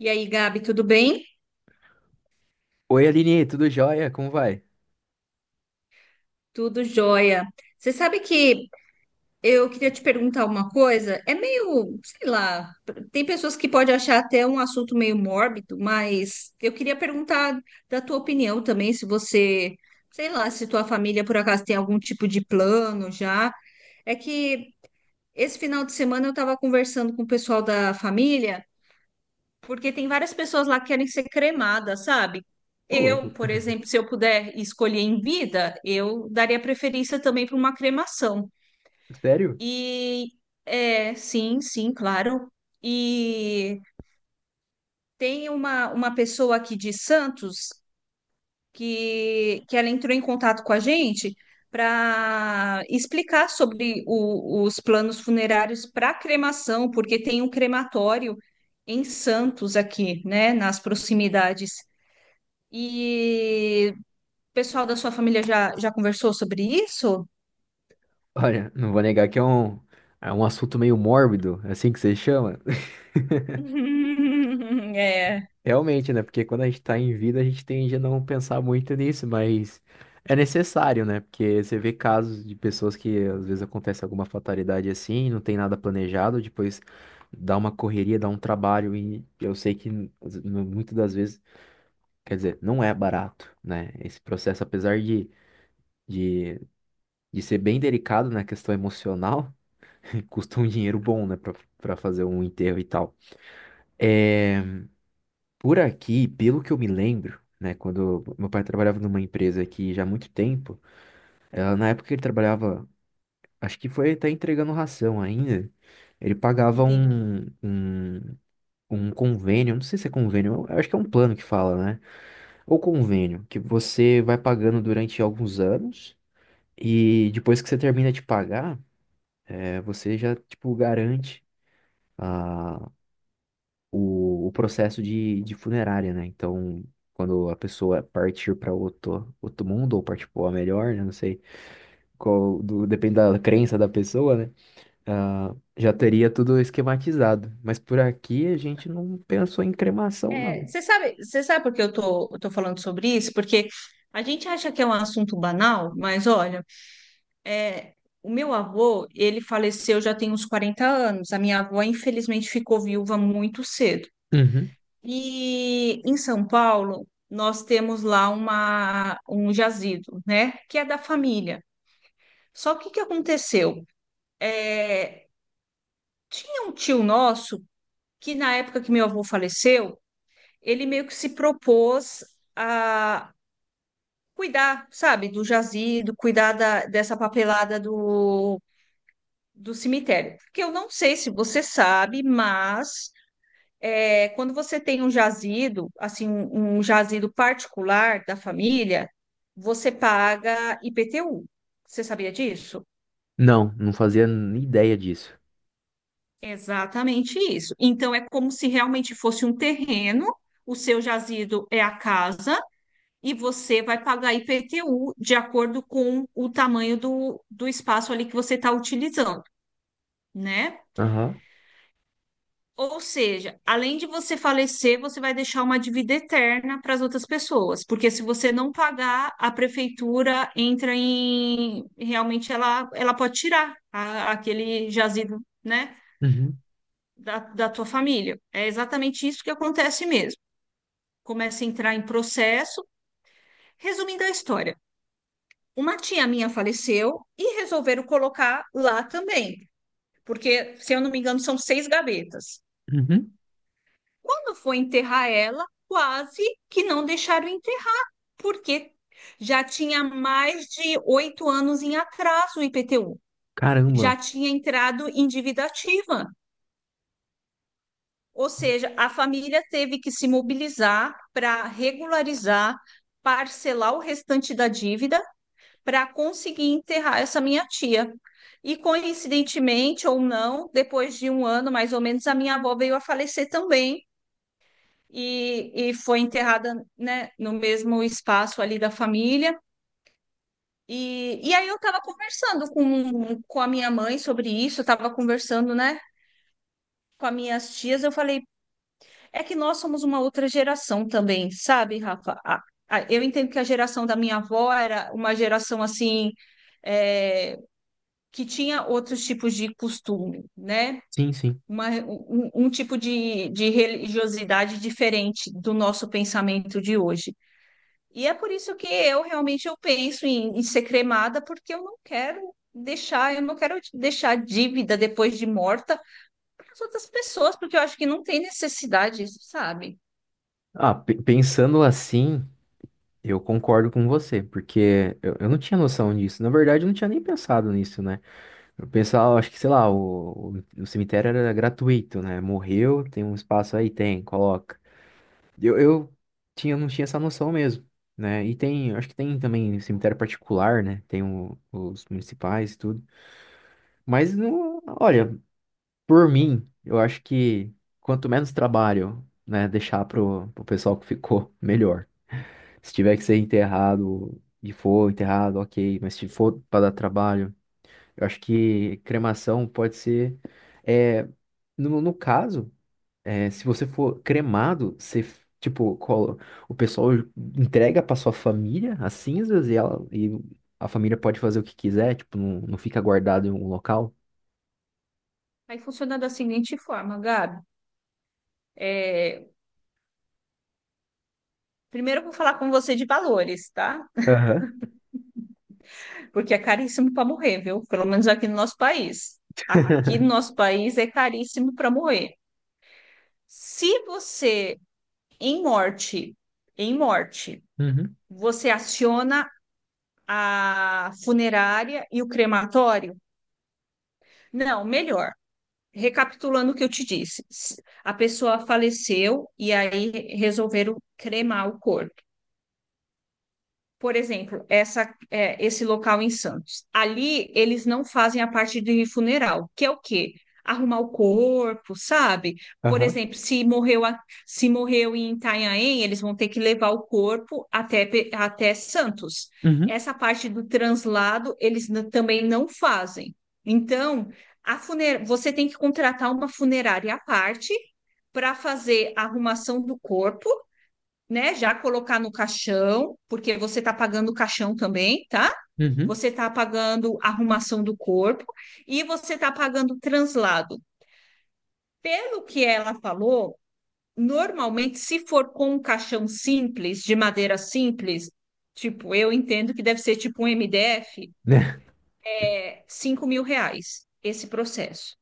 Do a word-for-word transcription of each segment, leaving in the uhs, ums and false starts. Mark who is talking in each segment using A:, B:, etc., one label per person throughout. A: E aí, Gabi, tudo bem?
B: Oi, Aline, tudo jóia? Como vai?
A: Tudo jóia. Você sabe que eu queria te perguntar uma coisa? É meio, sei lá, tem pessoas que podem achar até um assunto meio mórbido, mas eu queria perguntar da tua opinião também, se você, sei lá, se tua família por acaso tem algum tipo de plano já. É que esse final de semana eu estava conversando com o pessoal da família. Porque tem várias pessoas lá que querem ser cremadas, sabe?
B: Ô,
A: Eu,
B: louco.
A: por exemplo, se eu puder escolher em vida, eu daria preferência também para uma cremação.
B: Sério?
A: E é, sim, sim, claro. E tem uma, uma pessoa aqui de Santos que, que ela entrou em contato com a gente para explicar sobre o- os planos funerários para cremação, porque tem um crematório em Santos aqui, né, nas proximidades. E o pessoal da sua família já, já conversou sobre isso?
B: Olha, não vou negar que é um, é um assunto meio mórbido, é assim que você chama.
A: É,
B: Realmente, né? Porque quando a gente tá em vida, a gente tende a não pensar muito nisso, mas é necessário, né? Porque você vê casos de pessoas que às vezes acontece alguma fatalidade assim, não tem nada planejado, depois dá uma correria, dá um trabalho, e eu sei que n- muitas das vezes, quer dizer, não é barato, né? Esse processo, apesar de. de de ser bem delicado na questão emocional, custa um dinheiro bom, né, pra, pra fazer um enterro e tal. É, por aqui, pelo que eu me lembro, né, quando meu pai trabalhava numa empresa aqui já há muito tempo, ela, na época que ele trabalhava, acho que foi até entregando ração ainda, ele pagava
A: entendi.
B: um, um, um convênio, não sei se é convênio, eu acho que é um plano que fala, né, ou convênio, que você vai pagando durante alguns anos. E depois que você termina de pagar, é, você já, tipo, garante a, o, o processo de, de funerária, né? Então, quando a pessoa partir para outro, outro mundo, ou partir para melhor, né? Não sei, qual, do- depende da crença da pessoa, né? Ah, já teria tudo esquematizado. Mas por aqui a gente não pensou em cremação,
A: É,
B: não.
A: você sabe, você sabe por que eu tô, eu tô falando sobre isso? Porque a gente acha que é um assunto banal, mas olha, é, o meu avô, ele faleceu já tem uns quarenta anos. A minha avó, infelizmente, ficou viúva muito cedo.
B: Uhum.
A: E em São Paulo, nós temos lá uma, um jazido, né? Que é da família. Só que o que aconteceu? É, Tinha um tio nosso que, na época que meu avô faleceu, ele meio que se propôs a cuidar, sabe, do jazido, cuidar da- dessa papelada do, do cemitério. Porque eu não sei se você sabe, mas é, quando você tem um jazido, assim, um, um jazido particular da família, você paga I P T U. Você sabia disso?
B: Não, não fazia nem ideia disso.
A: Exatamente isso. Então, é como se realmente fosse um terreno, o seu jazido é a casa, e você vai pagar I P T U de acordo com o tamanho do, do espaço ali que você está utilizando, né?
B: Aham.
A: Ou seja, além de você falecer, você vai deixar uma dívida eterna para as outras pessoas, porque se você não pagar, a prefeitura entra em. Realmente, ela, ela pode tirar a- aquele jazido, né?
B: Uhum.
A: da, da tua família. É exatamente isso que acontece mesmo. Começa a entrar em processo. Resumindo a história, uma tia minha faleceu e resolveram colocar lá também, porque, se eu não me engano, são seis gavetas.
B: Uhum.
A: Quando foi enterrar ela, quase que não deixaram enterrar, porque já tinha mais de oito anos em atraso o I P T U, já
B: Caramba.
A: tinha entrado em dívida ativa. Ou seja, a família teve que se mobilizar para regularizar, parcelar o restante da dívida para conseguir enterrar essa minha tia. E coincidentemente ou não, depois de um ano mais ou menos, a minha avó veio a falecer também e, e foi enterrada, né, no mesmo espaço ali da família. E, e aí eu estava conversando com, com a minha mãe sobre isso, estava conversando, né, com as minhas tias, eu falei. É que nós somos uma outra geração também, sabe, Rafa? A- a- Eu entendo que a geração da minha avó era uma geração assim, é, que tinha outros tipos de costume, né?
B: Sim, sim.
A: Uma- um, um tipo de, de religiosidade diferente do nosso pensamento de hoje. E é por isso que eu realmente eu penso em, em ser cremada, porque eu não quero deixar, eu não quero deixar dívida depois de morta para as outras pessoas, porque eu acho que não tem necessidade, sabe?
B: Ah, pe- pensando assim. Eu concordo com você, porque eu, eu não tinha noção disso. Na verdade, eu não tinha nem pensado nisso, né? Eu pensava, acho que, sei lá, o, o, o cemitério era gratuito, né? Morreu, tem um espaço aí, tem, coloca. Eu, eu tinha, não tinha essa noção mesmo, né? E tem, acho que tem também cemitério particular, né? Tem o- os municipais e tudo. Mas, não, olha, por mim, eu acho que quanto menos trabalho, né, deixar pro, pro pessoal que ficou, melhor. Se tiver que ser enterrado e for enterrado, ok. Mas se for para dar trabalho, eu acho que cremação pode ser. É, no, no caso, é, se você for cremado, você, tipo, colo- o pessoal entrega para sua família as cinzas e, ela, e a família pode fazer o que quiser, tipo, não, não fica guardado em um local.
A: Aí funciona da seguinte forma, Gabi. É, Primeiro eu vou falar com você de valores, tá?
B: Aham,
A: Porque é caríssimo para morrer, viu? Pelo menos aqui no nosso país. Aqui no nosso país é caríssimo para morrer. Se você, em morte, em morte,
B: uhum,
A: você aciona a funerária e o crematório, não, melhor. Recapitulando o que eu te disse, a pessoa faleceu e aí resolveram cremar o corpo. Por exemplo, essa, é, esse local em Santos. Ali eles não fazem a parte de funeral, que é o quê? Arrumar o corpo, sabe? Por
B: aham.
A: exemplo, se morreu, a- se morreu em Itanhaém, eles vão ter que levar o corpo até, Pe- até Santos.
B: Uhum,
A: Essa parte do translado eles n- também não fazem. Então, a funer você tem que contratar uma funerária à parte para fazer a arrumação do corpo né, já colocar no caixão, porque você está pagando o caixão também, tá?
B: uhum.
A: Você está pagando a arrumação do corpo e você está pagando o translado. Pelo que ela falou, normalmente, se for com um caixão simples, de madeira simples, tipo, eu entendo que deve ser tipo um M D F,
B: Né?
A: é cinco mil reais esse processo.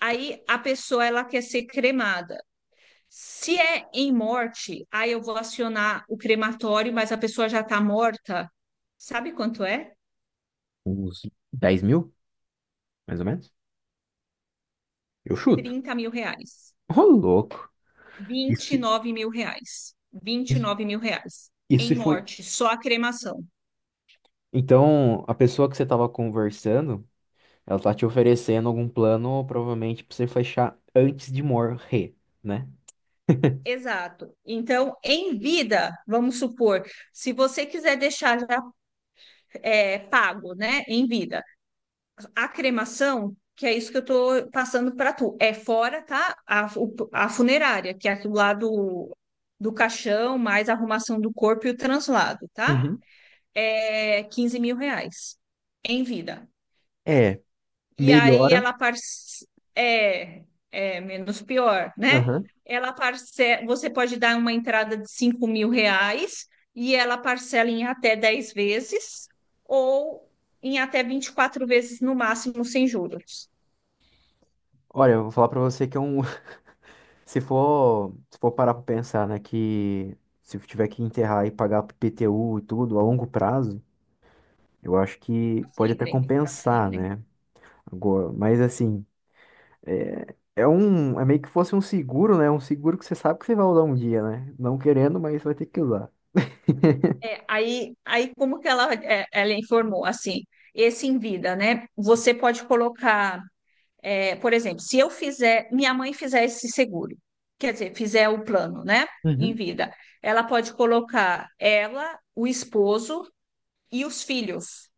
A: Aí a pessoa ela quer ser cremada. Se é em morte, aí eu vou acionar o crematório, mas a pessoa já está morta. Sabe quanto é?
B: Uns dez mil, mais ou menos? Eu chuto.
A: Trinta mil reais.
B: Ô, louco.
A: Vinte e
B: Isso,
A: nove mil reais. Vinte e
B: isso,
A: nove mil reais. Em
B: isso foi.
A: morte, só a cremação.
B: Então, a pessoa que você estava conversando, ela tá te oferecendo algum plano, provavelmente, pra você fechar antes de morrer, né?
A: Exato. Então, em vida, vamos supor, se você quiser deixar já é, pago, né, em vida, a cremação, que é isso que eu estou passando para tu, é fora, tá? A, a funerária, que é aquilo lá do, do caixão, mais a arrumação do corpo e o translado, tá?
B: Uhum.
A: É quinze mil reais em vida.
B: É,
A: e aí
B: melhora.
A: ela par- é, é menos pior, né?
B: Aham.
A: Ela parce... Você pode dar uma entrada de cinco mil reais e ela parcela em até dez vezes ou em até vinte e quatro vezes no máximo sem juros.
B: Olha, eu vou falar pra você que é um. Se for, se for parar pra pensar, né, que se tiver que enterrar e pagar P T U e tudo a longo prazo, eu acho que
A: Pra
B: pode até
A: sempre, para
B: compensar,
A: sempre.
B: né? Agora, mas assim, é, é um. É meio que fosse um seguro, né? Um seguro que você sabe que você vai usar um dia, né? Não querendo, mas vai ter que usar.
A: É, Aí, aí como que ela, é, ela informou assim, esse em vida, né? Você pode colocar. É, por exemplo, se eu fizer, minha mãe fizer esse seguro, quer dizer, fizer o plano, né, em
B: Uhum.
A: vida, ela pode colocar ela, o esposo e os filhos.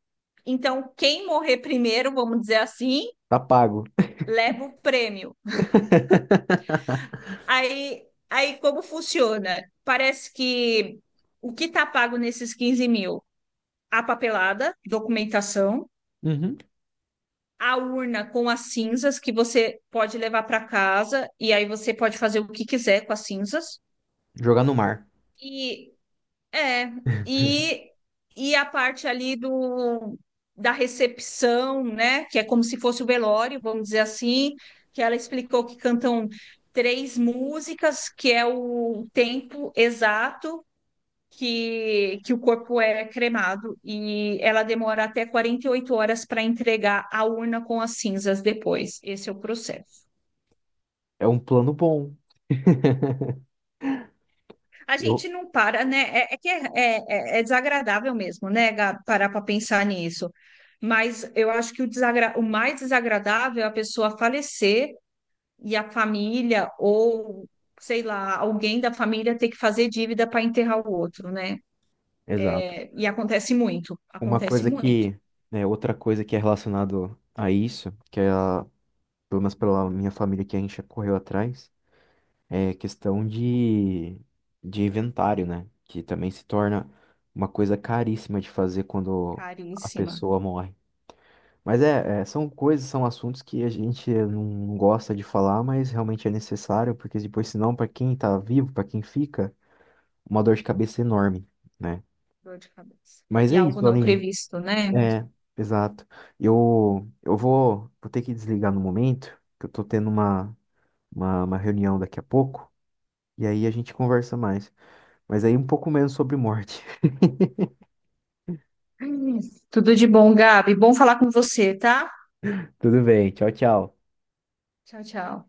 A: Então, quem morrer primeiro, vamos dizer assim,
B: Tá pago.
A: leva o prêmio. Aí, aí como funciona? Parece que o que está pago nesses quinze mil? A papelada, documentação,
B: Uhum.
A: a urna com as cinzas que você pode levar para casa e aí você pode fazer o que quiser com as cinzas.
B: Jogar no mar.
A: E é, e, e a parte ali do da recepção, né? Que é como se fosse o velório, vamos dizer assim, que ela explicou que cantam três músicas, que é o tempo exato que, que o corpo é cremado, e ela demora até quarenta e oito horas para entregar a urna com as cinzas depois. Esse é o processo.
B: É um plano bom.
A: A
B: Eu-
A: gente não para, né? É, é que é, é- é é desagradável mesmo, né, Gab, parar para pensar nisso. Mas eu acho que o, desagra... o mais desagradável é a pessoa falecer e a família, ou sei lá, alguém da família ter que fazer dívida para enterrar o outro, né?
B: Exato.
A: É, E acontece muito,
B: Uma
A: acontece
B: coisa
A: muito.
B: que, né, outra coisa que é relacionado a isso, que é, a- pelo menos pela minha família que a gente já correu atrás, é questão de, de inventário, né? Que também se torna uma coisa caríssima de fazer quando a
A: Caríssima,
B: pessoa morre. Mas é, é, são coisas, são assuntos que a gente não gosta de falar, mas realmente é necessário, porque depois, senão, para quem tá vivo, para quem fica, uma dor de cabeça enorme, né?
A: dor de cabeça.
B: Mas
A: E
B: é
A: algo
B: isso,
A: não
B: Aline.
A: previsto, né?
B: É, exato. Eu, eu vou, vou ter que desligar no momento, que eu tô tendo uma, uma, uma reunião daqui a pouco, e aí a gente conversa mais. Mas aí um pouco menos sobre morte.
A: Ai, tudo de bom, Gabi. Bom falar com você, tá?
B: Tudo bem, tchau, tchau.
A: Tchau, tchau.